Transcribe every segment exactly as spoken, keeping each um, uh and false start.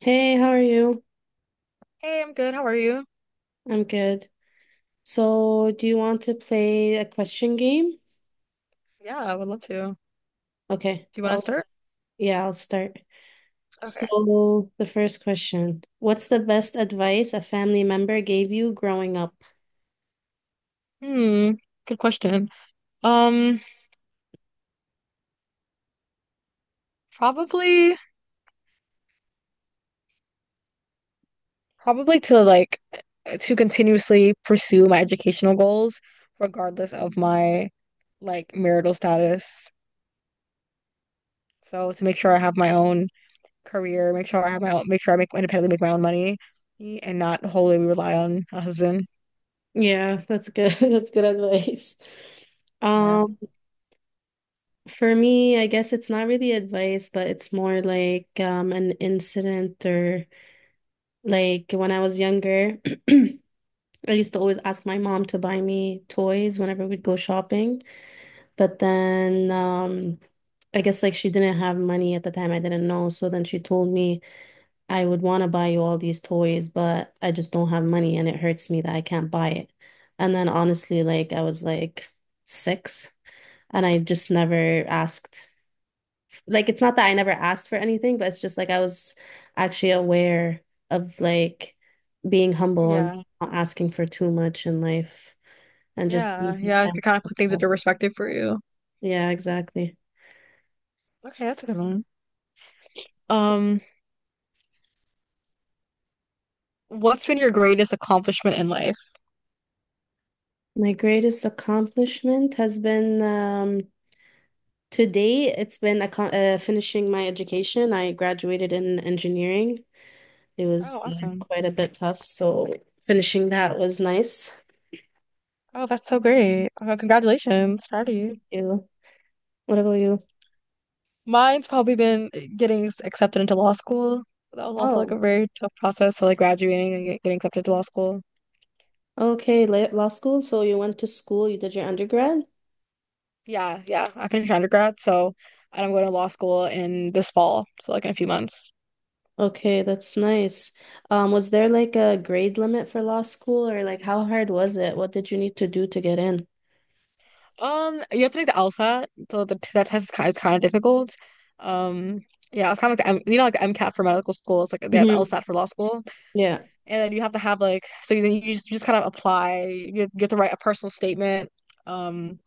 Hey, how are you? Hey, I'm good. How are you? I'm good. So, do you want to play a question game? Yeah, I would love to. Do Okay, you want to I'll start? yeah, I'll start. Okay. So, the first question. What's the best advice a family member gave you growing up? Hmm. Good question. Um, probably, probably to like eh, to continuously pursue my educational goals, regardless of my like marital status. So to make sure I have my own career, make sure I have my own, make sure I make independently make my own money, and not wholly rely on a husband. Yeah, that's good. That's good advice. Yeah. Um, for me, I guess it's not really advice, but it's more like um an incident or like when I was younger, I used to always ask my mom to buy me toys whenever we'd go shopping. But then um, I guess like she didn't have money at the time. I didn't know. So then she told me, I would want to buy you all these toys, but I just don't have money and it hurts me that I can't buy it. And then honestly, like I was like six and I just never asked. Like it's not that I never asked for anything, but it's just like I was actually aware of like being humble and Yeah. not asking for too much in life and just Yeah. being. Yeah. To kind of put things into perspective for you. Yeah, exactly. Okay, that's a good one. Um. What's been your greatest accomplishment in life? My greatest accomplishment has been um, to it's been acco- uh, finishing my education. I graduated in engineering. It Oh, was, yeah, awesome. quite a bit tough, so finishing that was nice. Oh, that's so great. Oh, congratulations. Proud of you. You, what about you? Mine's probably been eh, getting s- accepted into law school. That was also like a Oh, very tough process. So, like graduating and get- getting accepted to law school. okay, la- law school. So you went to school, you did your undergrad? Yeah, yeah. I finished undergrad. So, and I'm going to law school in this fall. So, like in a few months. Okay, that's nice. Um, was there like a grade limit for law school, or like how hard was it? What did you need to do to get in? Um, you have to take the L SAT. So, the, that test is kind, of, is kind of difficult. Um, yeah, it's kind of like the M, you know, like the M CAT for medical school. It's like they have the Hmm L SAT for law school. Yeah. And then you have to have like so then you just, you just kind of apply. You, you have to write a personal statement. Um,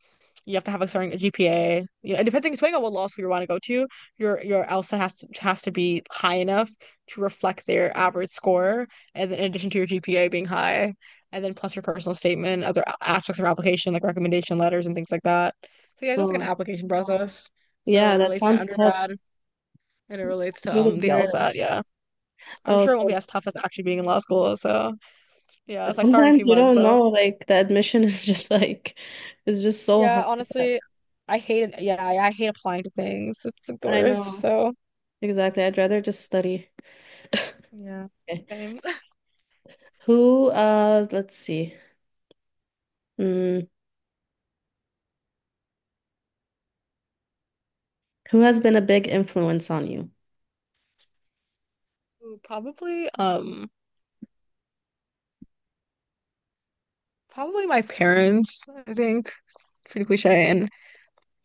you have to have a certain G P A. You know, and depending depending on what law school you want to go to, your your L SAT has to has to be high enough to reflect their average score, and then in addition to your G P A being high, and then plus your personal statement, other a- aspects of application like recommendation letters and things like that. So yeah, it's just like an Oh, application process. So yeah, it that relates to sounds tough. undergrad and it relates It's to um the really hard. L SAT. Yeah, I'm Oh, sure it won't so be as tough as actually being in law school. So. Yeah, so I start in a few sometimes you months, don't so know, like the admission is just like it's just so yeah, hard. that- honestly, I hate it. Yeah, I, I hate applying to things. It's like the I worst. know. So Exactly. I'd rather just study. yeah, Okay. same. Who uh Let's see. Mm, who has been a big influence on you? Ooh, probably, um, probably my parents, I think. Pretty cliche, and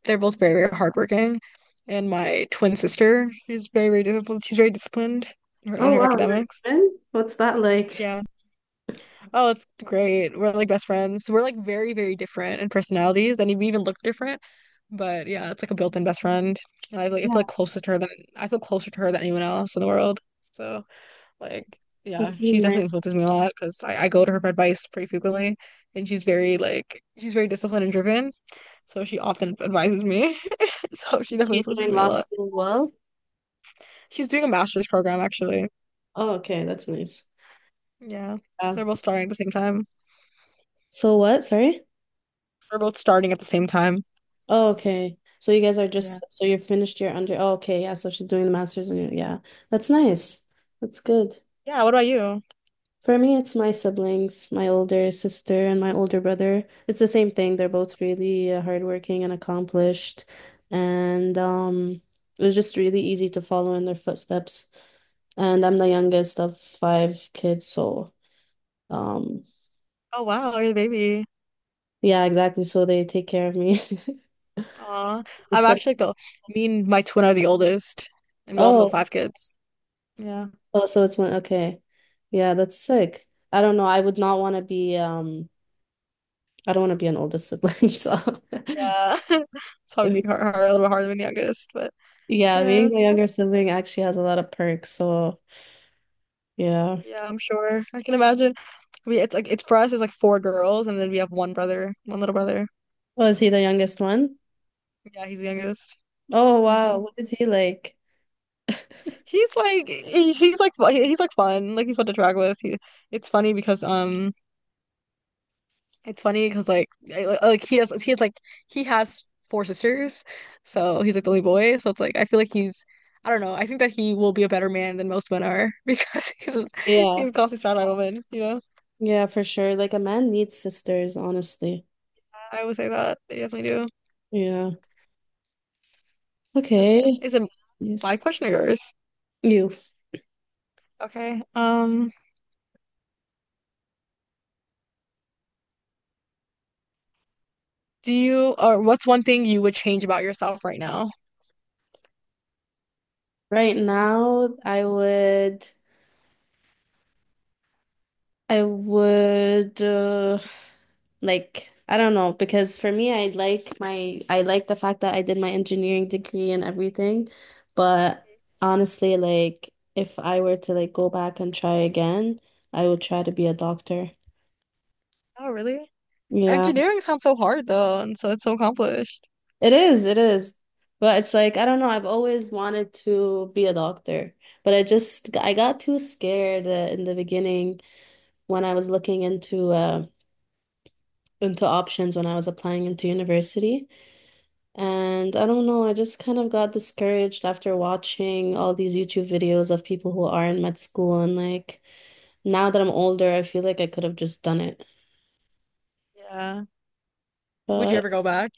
they're both very, very hardworking. And my twin sister, she's very, very disciplined. She's very disciplined in her in Oh her wow, you're academics. in? What's that like? Yeah. Oh, it's great. We're like best friends. We're like very, very different in personalities, and we even look different. But yeah, it's like a built-in best friend. And I like I Yeah, feel like closer to her than I feel closer to her than anyone else in the world. So like yeah, that's really she definitely nice. influences me a lot because I, I go to her for advice pretty frequently, and she's very like she's very disciplined and driven. So she often advises me. So she definitely She's influences doing me a law lot. school as well. She's doing a master's program actually. Oh, okay, that's nice. Yeah, Yeah. so we're both starting at the same time. so what? Sorry? We're both starting at the same time. Oh, okay. So you guys are Yeah. just so you're finished your under. Oh, okay, yeah. So she's doing the master's and you yeah. That's nice. That's good. Yeah. What about you? For me, it's my siblings, my older sister and my older brother. It's the same thing. They're both really uh, hardworking and accomplished, and um, it was just really easy to follow in their footsteps. And I'm the youngest of five kids, so um, Oh wow, you're the baby. yeah, exactly. So they take care of me. Aw. I'm Instead, of- actually like the Me and my twin are the oldest. And we also have oh, five kids. Yeah. oh, so it's one. Okay, yeah, that's sick. I don't know. I would not want to be um, I don't want to be an oldest sibling, so. Yeah. It's probably being hard, hard, a little bit harder than the youngest, but Yeah, being yeah, the younger that's sibling actually has a lot of perks. So, yeah. yeah, I'm sure. I can imagine. We it's like it's for us it's like four girls and then we have one brother, one little brother. Oh, is he the youngest one? Yeah, he's the youngest. Oh, Hmm. wow. What is he like? He's like he, he's like fu- he- he's like fun. Like he's fun to drag with. He, it's funny because um it's funny because like I- li- like he has he has like he has four sisters, so he's like the only boy. So it's like I feel like he's I don't know. I think that he will be a better man than most men are because he's Yeah. he's constantly surrounded by women. You know, Yeah, for sure. Like a man needs sisters, honestly. I would say that they definitely do. Yeah. Okay, Okay. is it Yes. my question or yours? You. Okay. Um, do you or what's one thing you would change about yourself right now? Right now, I would I would uh like, I don't know, because for me, I like my I like the fact that I did my engineering degree and everything, but honestly, like if I were to like go back and try again, I would try to be a doctor. Oh, really? Yeah, Engineering sounds so hard though, and so it's so accomplished. it is, it is. But it's like, I don't know, I've always wanted to be a doctor, but I just I got too scared uh, in the beginning when I was looking into uh into options when I was applying into university. And I don't know, I just kind of got discouraged after watching all these YouTube videos of people who are in med school. And like now that I'm older, I feel like I could have just done it. Yeah. Would you But ever go back?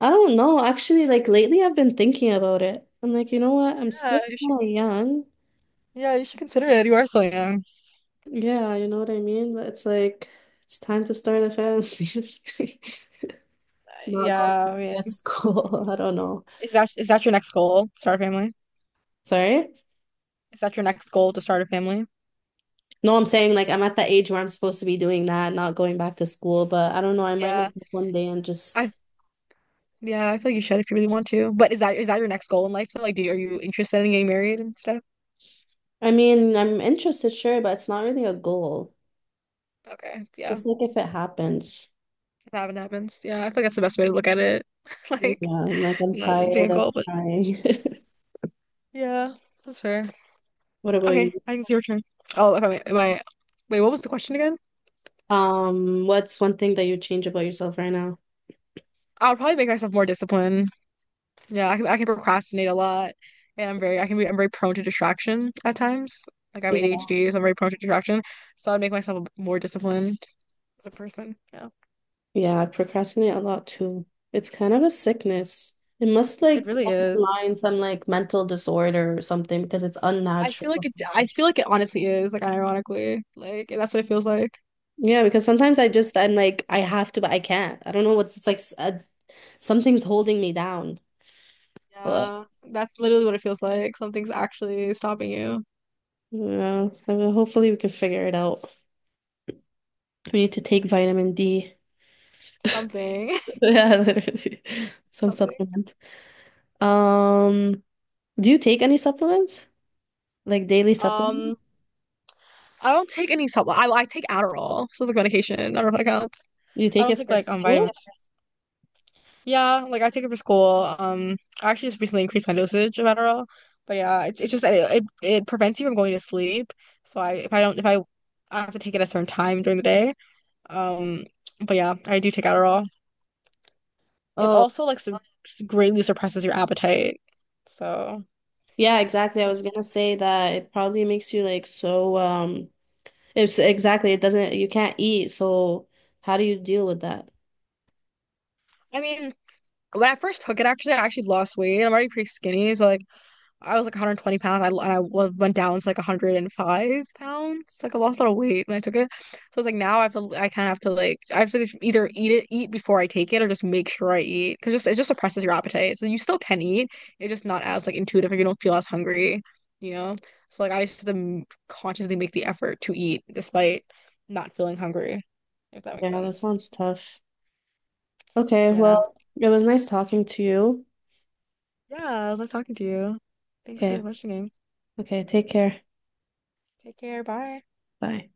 I don't know. Actually, like lately, I've been thinking about it. I'm like, you know what? I'm Yeah, still you should. kind of young. Yeah, you should consider it. You are so young. Yeah, you know what I mean? But it's like, it's time to start a family. Not go Yeah, to I med mean, school. I don't know. is that is that your next goal? Start a family? Sorry? Is that your next goal to start a family? No, I'm saying like I'm at the age where I'm supposed to be doing that, not going back to school, but I don't know, I might wake Yeah. up one day and I just yeah, I feel like you should if you really want to. But is that is that your next goal in life? So, like, do you, are you interested in getting married and stuff? I mean, I'm interested, sure, but it's not really a goal. Okay, yeah. Just like if it happens. If that happens, yeah, I feel like that's the best way to look at it. Like, Yeah, like I'm not a being a tired of goal, but trying. yeah, that's fair. What about you? Okay, I think it's your turn. Oh, if I am I wait, what was the question again? Um, what's one thing that you change about yourself right now? I would probably make myself more disciplined. Yeah, I can, I can procrastinate a lot, and I'm very I can be I'm very prone to distraction at times. Like I have Yeah. A D H D, so I'm very prone to distraction. So I'd make myself a bit more disciplined as a person. Yeah, Yeah, I procrastinate a lot too. It's kind of a sickness. It must it like really is. underline some like mental disorder or something because it's I feel unnatural. like it. I feel like it honestly is. Like ironically, like that's what it feels like. Yeah, because sometimes I just I'm like I have to, but I can't. I don't know what's it's like s- uh, something's holding me down. But Yeah, that's literally what it feels like. Something's actually stopping you. yeah, I mean, hopefully we can figure it out. We need to take vitamin D. Something, Yeah, literally. Some something. supplement. Um, do you take any supplements? Like daily supplements? Um, I don't take any supplement. I I take Adderall, so it's like medication. I don't know if that counts. Do you I take don't it take for like um school? vitamins. Yeah, like I take it for school. Um, I actually just recently increased my dosage of Adderall, but yeah, it's it's just that it, it it prevents you from going to sleep. So I if I don't if I I have to take it at a certain time during the day. Um, but yeah, I do take Adderall. It Oh, also like su Greatly suppresses your appetite. So yeah, exactly. I that's was gonna say that it probably makes you like so um it's exactly it doesn't you can't eat, so how do you deal with that? I mean, when I first took it, actually, I actually lost weight. I'm already pretty skinny, so like I was like one hundred twenty pounds. I and I wa- went down to like one hundred five pounds. Like I lost a lot of weight when I took it. So it's like now I have to. I kind of have to like I have to like, either eat it, eat before I take it, or just make sure I eat because just it just suppresses your appetite. So you still can eat. It's just not as like intuitive. If you don't feel as hungry, you know. So like I used to m- consciously make the effort to eat despite not feeling hungry. If that makes Yeah, that sense. sounds tough. Okay, Yeah. well, it was nice talking to you. Yeah. It was nice talking to you. Thanks for the Okay, question game. okay, take care. Take care. Bye. Bye.